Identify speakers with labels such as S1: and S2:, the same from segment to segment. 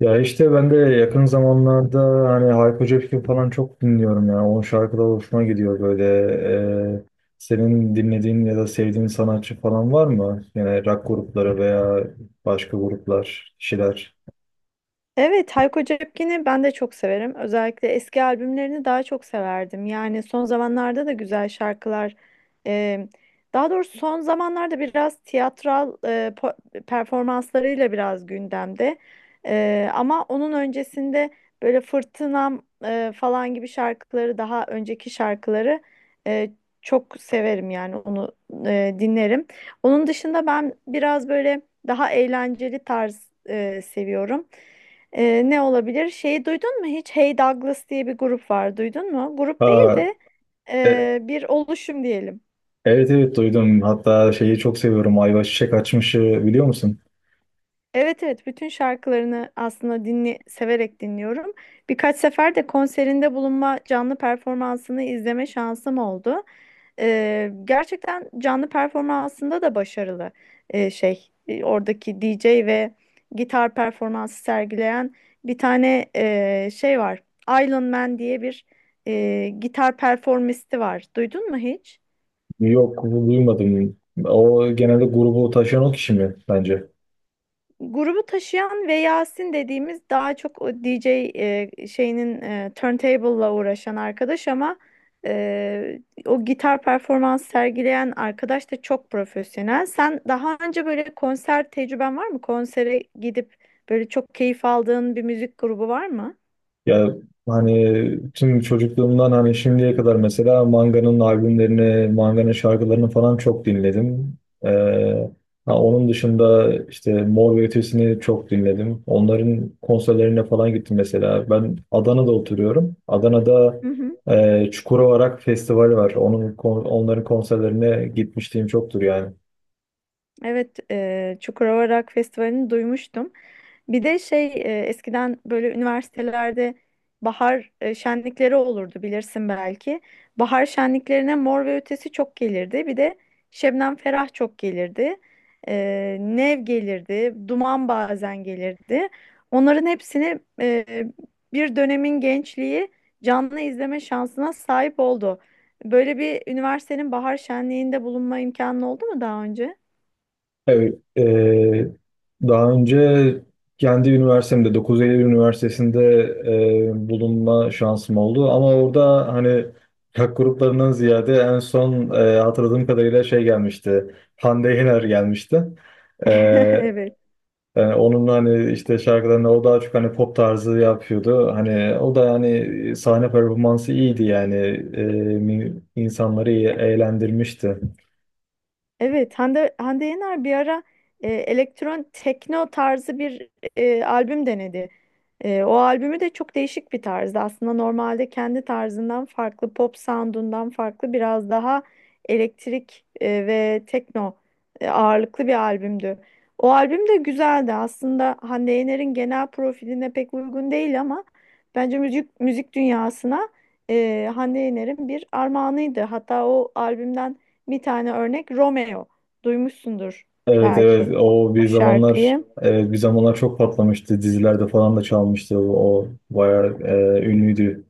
S1: Ya işte ben de yakın zamanlarda hani Hayko Cepkin falan çok dinliyorum ya. Onun şarkıları hoşuma gidiyor böyle. Ee, Senin dinlediğin ya da sevdiğin sanatçı falan var mı? Yani rock grupları veya başka gruplar, kişiler.
S2: Evet, Hayko Cepkin'i ben de çok severim. Özellikle eski albümlerini daha çok severdim. Yani son zamanlarda da güzel şarkılar. e, Daha doğrusu son zamanlarda biraz tiyatral performanslarıyla biraz gündemde. Ama onun öncesinde böyle Fırtınam falan gibi şarkıları, daha önceki şarkıları e, çok severim yani onu dinlerim. Onun dışında ben biraz böyle daha eğlenceli tarz seviyorum. Ne olabilir? Şeyi duydun mu hiç? Hey Douglas diye bir grup var. Duydun mu? Grup
S1: Aa,
S2: değil de
S1: e-
S2: bir oluşum diyelim.
S1: evet evet, duydum. Hatta şeyi çok seviyorum. Ayva Çiçek Açmış'ı biliyor musun?
S2: Evet evet bütün şarkılarını aslında severek dinliyorum. Birkaç sefer de konserinde bulunma, canlı performansını izleme şansım oldu. Gerçekten canlı performansında da başarılı oradaki DJ ve gitar performansı sergileyen bir tane şey var. Island Man diye bir gitar performisti var. Duydun mu hiç?
S1: Yok, duymadım. O genelde grubu taşıyan o kişi mi bence?
S2: Grubu taşıyan ve Yasin dediğimiz daha çok o DJ şeyinin turntable'la uğraşan arkadaş ama e, o gitar performans sergileyen arkadaş da çok profesyonel. Sen daha önce böyle konser tecrüben var mı? Konsere gidip böyle çok keyif aldığın bir müzik grubu var mı?
S1: Ya hani tüm çocukluğumdan hani şimdiye kadar mesela Manga'nın albümlerini, Manga'nın şarkılarını falan çok dinledim. Ee, ha, Onun dışında işte Mor ve Ötesi'ni çok dinledim. Onların konserlerine falan gittim mesela. Ben Adana'da oturuyorum. Adana'da
S2: Hı hı.
S1: Çukurova Rock Festivali var. Onların konserlerine gitmişliğim çoktur yani.
S2: Evet, Çukurova Rock Festivali'ni duymuştum. Bir de eskiden böyle üniversitelerde bahar şenlikleri olurdu bilirsin belki. Bahar şenliklerine Mor ve Ötesi çok gelirdi. Bir de Şebnem Ferah çok gelirdi. E, Nev gelirdi. Duman bazen gelirdi. Onların hepsini bir dönemin gençliği canlı izleme şansına sahip oldu. Böyle bir üniversitenin bahar şenliğinde bulunma imkanı oldu mu daha önce?
S1: Evet, daha önce kendi üniversitemde 9 Eylül Üniversitesi'nde bulunma şansım oldu. Ama orada hani rock gruplarından ziyade en son hatırladığım kadarıyla şey gelmişti. Hande Yener gelmişti. Eee,
S2: Evet.
S1: Yani onun hani işte şarkılarını o daha çok hani pop tarzı yapıyordu. Hani o da hani sahne performansı iyiydi yani. İnsanları iyi eğlendirmişti.
S2: Evet, Hande Yener bir ara elektron tekno tarzı bir albüm denedi. O albümü de çok değişik bir tarzdı. Aslında normalde kendi tarzından farklı, pop sound'undan farklı biraz daha elektrik ve tekno ağırlıklı bir albümdü. O albüm de güzeldi. Aslında Hande Yener'in genel profiline pek uygun değil ama bence müzik dünyasına Hande Yener'in bir armağanıydı. Hatta o albümden bir tane örnek Romeo. Duymuşsundur
S1: Evet
S2: belki
S1: evet, o
S2: o
S1: bir zamanlar,
S2: şarkıyı.
S1: evet, bir zamanlar çok patlamıştı, dizilerde falan da çalmıştı o bayağı ünlüydü.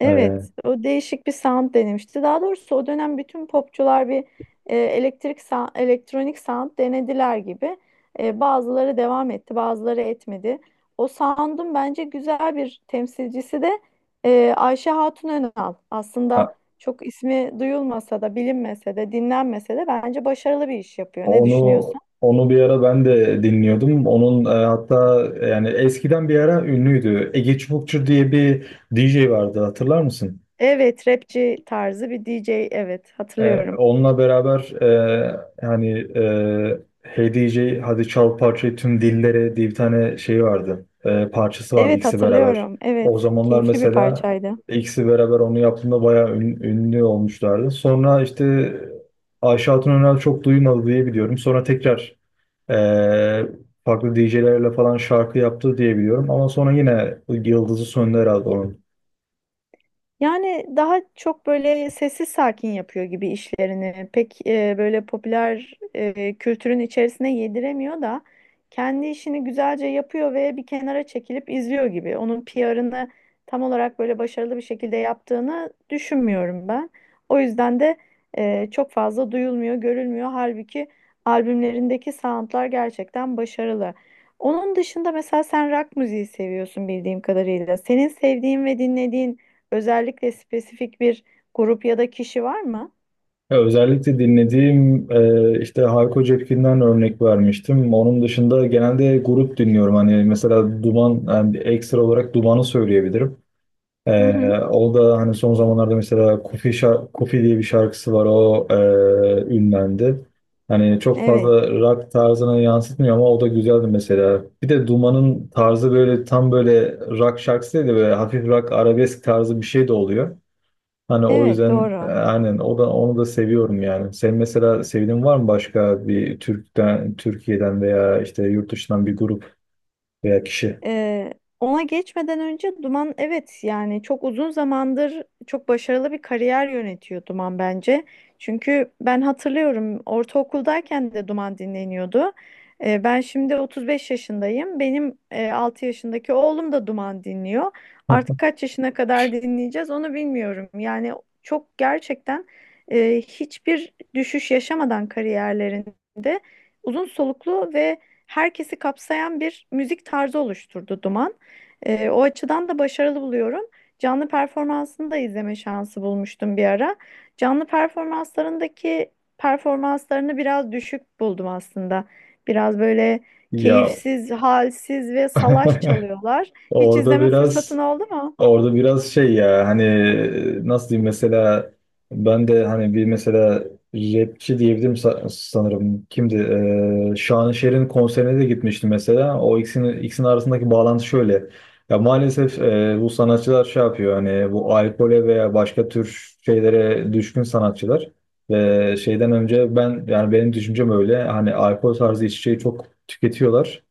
S2: Evet,
S1: E,
S2: o değişik bir sound denemişti. Daha doğrusu o dönem bütün popçular bir elektronik sound denediler gibi. Bazıları devam etti, bazıları etmedi. O sound'un bence güzel bir temsilcisi de Ayşe Hatun Önal. Aslında
S1: ha-
S2: çok ismi duyulmasa da, bilinmese de, dinlenmese de bence başarılı bir iş yapıyor. Ne
S1: onu
S2: düşünüyorsun?
S1: onu bir ara ben de dinliyordum. Onun hatta yani eskiden bir ara ünlüydü. Ege Çubukçu diye bir DJ vardı, hatırlar mısın?
S2: Evet, rapçi tarzı bir DJ. Evet, hatırlıyorum.
S1: Onunla beraber hani Hey DJ Hadi Çal Parçayı Tüm Dillere diye bir tane şey vardı. Parçası vardı
S2: Evet,
S1: ikisi beraber.
S2: hatırlıyorum.
S1: O
S2: Evet,
S1: zamanlar
S2: keyifli bir
S1: mesela
S2: parçaydı.
S1: ikisi beraber onu yaptığında bayağı ünlü olmuşlardı. Sonra işte Ayşe Hatun Önal çok duymadı diye biliyorum. Sonra tekrar e, farklı DJ'lerle falan şarkı yaptı diye biliyorum. Ama sonra yine yıldızı söndü herhalde.
S2: Yani daha çok böyle sessiz sakin yapıyor gibi işlerini. Pek böyle popüler kültürün içerisine yediremiyor da kendi işini güzelce yapıyor ve bir kenara çekilip izliyor gibi. Onun PR'ını tam olarak böyle başarılı bir şekilde yaptığını düşünmüyorum ben. O yüzden de çok fazla duyulmuyor, görülmüyor. Halbuki albümlerindeki soundlar gerçekten başarılı. Onun dışında mesela sen rock müziği seviyorsun bildiğim kadarıyla. Senin sevdiğin ve dinlediğin özellikle spesifik bir grup ya da kişi var mı?
S1: Ya özellikle dinlediğim işte Hayko Cepkin'den örnek vermiştim. Onun dışında genelde grup dinliyorum. Hani mesela Duman, yani ekstra olarak Duman'ı söyleyebilirim.
S2: Hı
S1: E,
S2: hı.
S1: O da hani son zamanlarda mesela Kufi diye bir şarkısı var. O ünlendi. Hani çok
S2: Evet.
S1: fazla rock tarzına yansıtmıyor ama o da güzeldi mesela. Bir de Duman'ın tarzı böyle tam böyle rock şarkısı değil de böyle hafif rock arabesk tarzı bir şey de oluyor. Hani o
S2: Evet,
S1: yüzden
S2: doğru.
S1: aynen o da onu da seviyorum yani. Sen mesela sevdiğin var mı başka bir Türk'ten, Türkiye'den veya işte yurt dışından bir grup veya kişi?
S2: Ee, ona geçmeden önce Duman, evet, yani çok uzun zamandır çok başarılı bir kariyer yönetiyor Duman bence. Çünkü ben hatırlıyorum, ortaokuldayken de Duman dinleniyordu. Ben şimdi 35 yaşındayım. Benim 6 yaşındaki oğlum da Duman dinliyor.
S1: Heh.
S2: Artık kaç yaşına kadar dinleyeceğiz onu bilmiyorum. Yani çok gerçekten hiçbir düşüş yaşamadan kariyerlerinde uzun soluklu ve herkesi kapsayan bir müzik tarzı oluşturdu Duman. O açıdan da başarılı buluyorum. Canlı performansını da izleme şansı bulmuştum bir ara. Canlı performanslarındaki performanslarını biraz düşük buldum aslında. Biraz böyle
S1: Ya
S2: keyifsiz, halsiz ve salaş çalıyorlar. Hiç
S1: orada
S2: izleme fırsatın
S1: biraz
S2: oldu mu?
S1: Orada biraz şey ya hani, nasıl diyeyim, mesela ben de hani bir mesela rapçi diyebilirim sanırım. Kimdi? Şanışer'in konserine de gitmiştim mesela. O ikisinin arasındaki bağlantı şöyle. Ya maalesef bu sanatçılar şey yapıyor hani, bu alkole veya başka tür şeylere düşkün sanatçılar. Ve şeyden önce ben, yani benim düşüncem öyle hani, alkol tarzı içeceği çok tüketiyorlar.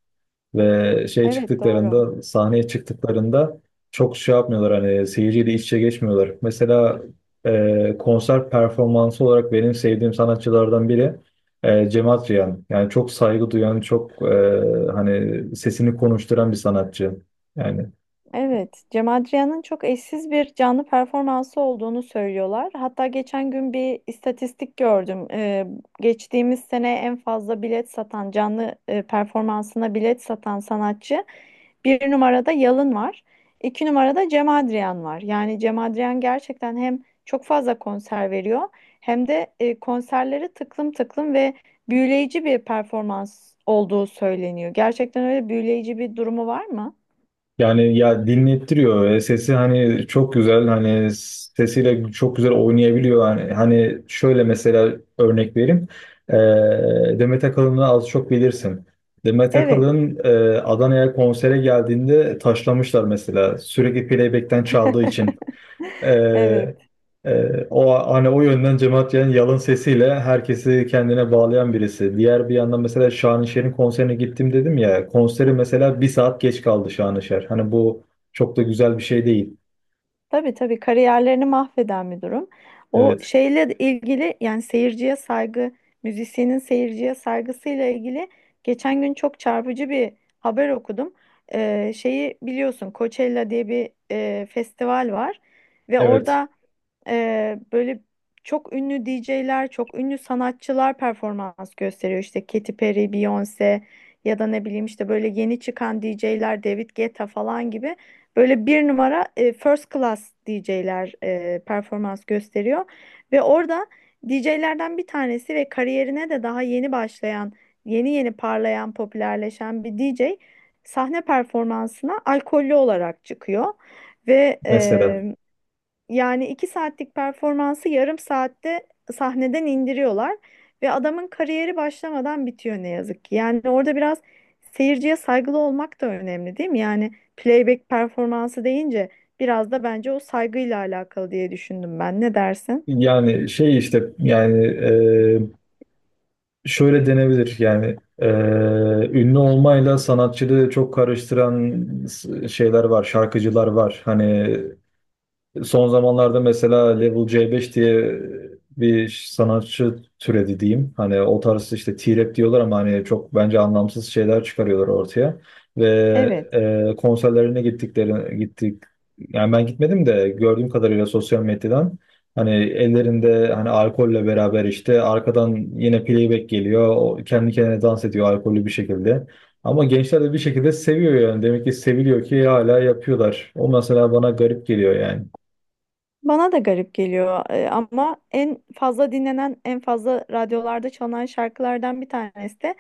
S1: Ve şey
S2: Evet, doğru.
S1: çıktıklarında, sahneye çıktıklarında çok şey yapmıyorlar hani, seyirciyle iç içe geçmiyorlar. Mesela konser performansı olarak benim sevdiğim sanatçılardan biri Cem Adrian. Yani çok saygı duyan, çok hani sesini konuşturan bir sanatçı. Yani
S2: Evet, Cem Adrian'ın çok eşsiz bir canlı performansı olduğunu söylüyorlar. Hatta geçen gün bir istatistik gördüm. Geçtiğimiz sene en fazla bilet satan, canlı performansına bilet satan sanatçı bir numarada Yalın var. 2 numarada Cem Adrian var. Yani Cem Adrian gerçekten hem çok fazla konser veriyor hem de konserleri tıklım tıklım ve büyüleyici bir performans olduğu söyleniyor. Gerçekten öyle büyüleyici bir durumu var mı?
S1: Yani ya, dinlettiriyor. Sesi hani çok güzel, hani sesiyle çok güzel oynayabiliyor. Hani şöyle mesela örnek vereyim. Demet Akalın'ı az çok bilirsin. Demet
S2: Evet.
S1: Akalın Adana'ya konsere geldiğinde taşlamışlar mesela. Sürekli playback'ten çaldığı için. Ee,
S2: Evet.
S1: O hani o yönden cemaat Can yalın sesiyle herkesi kendine bağlayan birisi. Diğer bir yandan mesela Şanışer'in konserine gittim dedim ya. Konseri mesela bir saat geç kaldı Şanışer. Hani bu çok da güzel bir şey değil.
S2: Tabii, tabii, kariyerlerini mahveden bir durum. O
S1: Evet.
S2: şeyle de ilgili, yani seyirciye saygı, müzisyenin seyirciye saygısıyla ilgili geçen gün çok çarpıcı bir haber okudum. Şeyi biliyorsun, Coachella diye bir festival var ve
S1: Evet.
S2: orada böyle çok ünlü DJ'ler, çok ünlü sanatçılar performans gösteriyor. İşte Katy Perry, Beyoncé ya da ne bileyim işte böyle yeni çıkan DJ'ler, David Guetta falan gibi böyle bir numara first class DJ'ler performans gösteriyor. Ve orada DJ'lerden bir tanesi ve kariyerine de daha yeni başlayan, yeni yeni parlayan, popülerleşen bir DJ sahne performansına alkollü olarak çıkıyor. Ve
S1: Mesela
S2: yani 2 saatlik performansı yarım saatte sahneden indiriyorlar ve adamın kariyeri başlamadan bitiyor ne yazık ki. Yani orada biraz seyirciye saygılı olmak da önemli değil mi? Yani playback performansı deyince biraz da bence o saygıyla alakalı diye düşündüm ben. Ne dersin?
S1: yani şey işte yani şöyle denebilir yani, ünlü olmayla sanatçılığı çok karıştıran şeyler var, şarkıcılar var. Hani son zamanlarda mesela Level C5 diye bir sanatçı türedi diyeyim. Hani o tarz işte T-rap diyorlar ama hani çok bence anlamsız şeyler çıkarıyorlar ortaya. Ve
S2: Evet.
S1: konserlerine gittikleri gittik. Yani ben gitmedim de gördüğüm kadarıyla sosyal medyadan hani ellerinde, hani alkolle beraber işte arkadan yine playback geliyor. O kendi kendine dans ediyor alkollü bir şekilde. Ama gençler de bir şekilde seviyor yani. Demek ki seviliyor ki hala yapıyorlar. O mesela bana garip geliyor yani.
S2: Bana da garip geliyor ama en fazla dinlenen, en fazla radyolarda çalınan şarkılardan bir tanesi de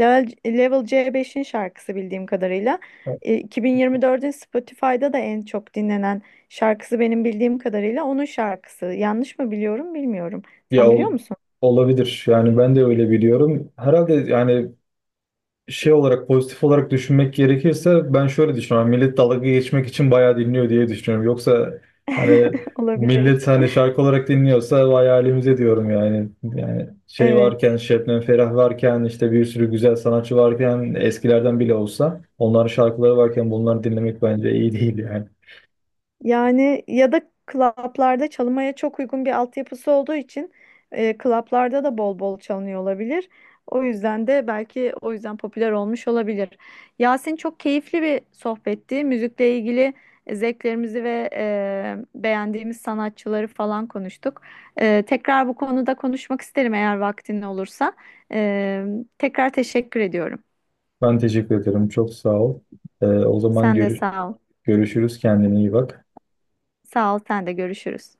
S2: Level C5'in şarkısı bildiğim kadarıyla. 2024'ün Spotify'da da en çok dinlenen şarkısı benim bildiğim kadarıyla onun şarkısı. Yanlış mı biliyorum bilmiyorum.
S1: Ya
S2: Sen biliyor musun?
S1: olabilir. Yani ben de öyle biliyorum. Herhalde yani şey olarak, pozitif olarak düşünmek gerekirse ben şöyle düşünüyorum. Millet dalga geçmek için bayağı dinliyor diye düşünüyorum. Yoksa hani,
S2: Olabilir.
S1: millet hani şarkı olarak dinliyorsa vay halimize diyorum yani. Yani şey varken,
S2: Evet.
S1: Şebnem Ferah varken, işte bir sürü güzel sanatçı varken, eskilerden bile olsa onların şarkıları varken bunları dinlemek bence iyi değil yani.
S2: Yani ya da klaplarda çalmaya çok uygun bir altyapısı olduğu için klaplarda da bol bol çalınıyor olabilir. O yüzden de belki o yüzden popüler olmuş olabilir. Yasin, çok keyifli bir sohbetti. Müzikle ilgili zevklerimizi ve beğendiğimiz sanatçıları falan konuştuk. Tekrar bu konuda konuşmak isterim eğer vaktin olursa. E, tekrar teşekkür ediyorum.
S1: Ben teşekkür ederim. Çok sağ ol. O zaman
S2: Sen de sağ ol.
S1: görüşürüz. Kendine iyi bak.
S2: Sağ ol, sen de görüşürüz.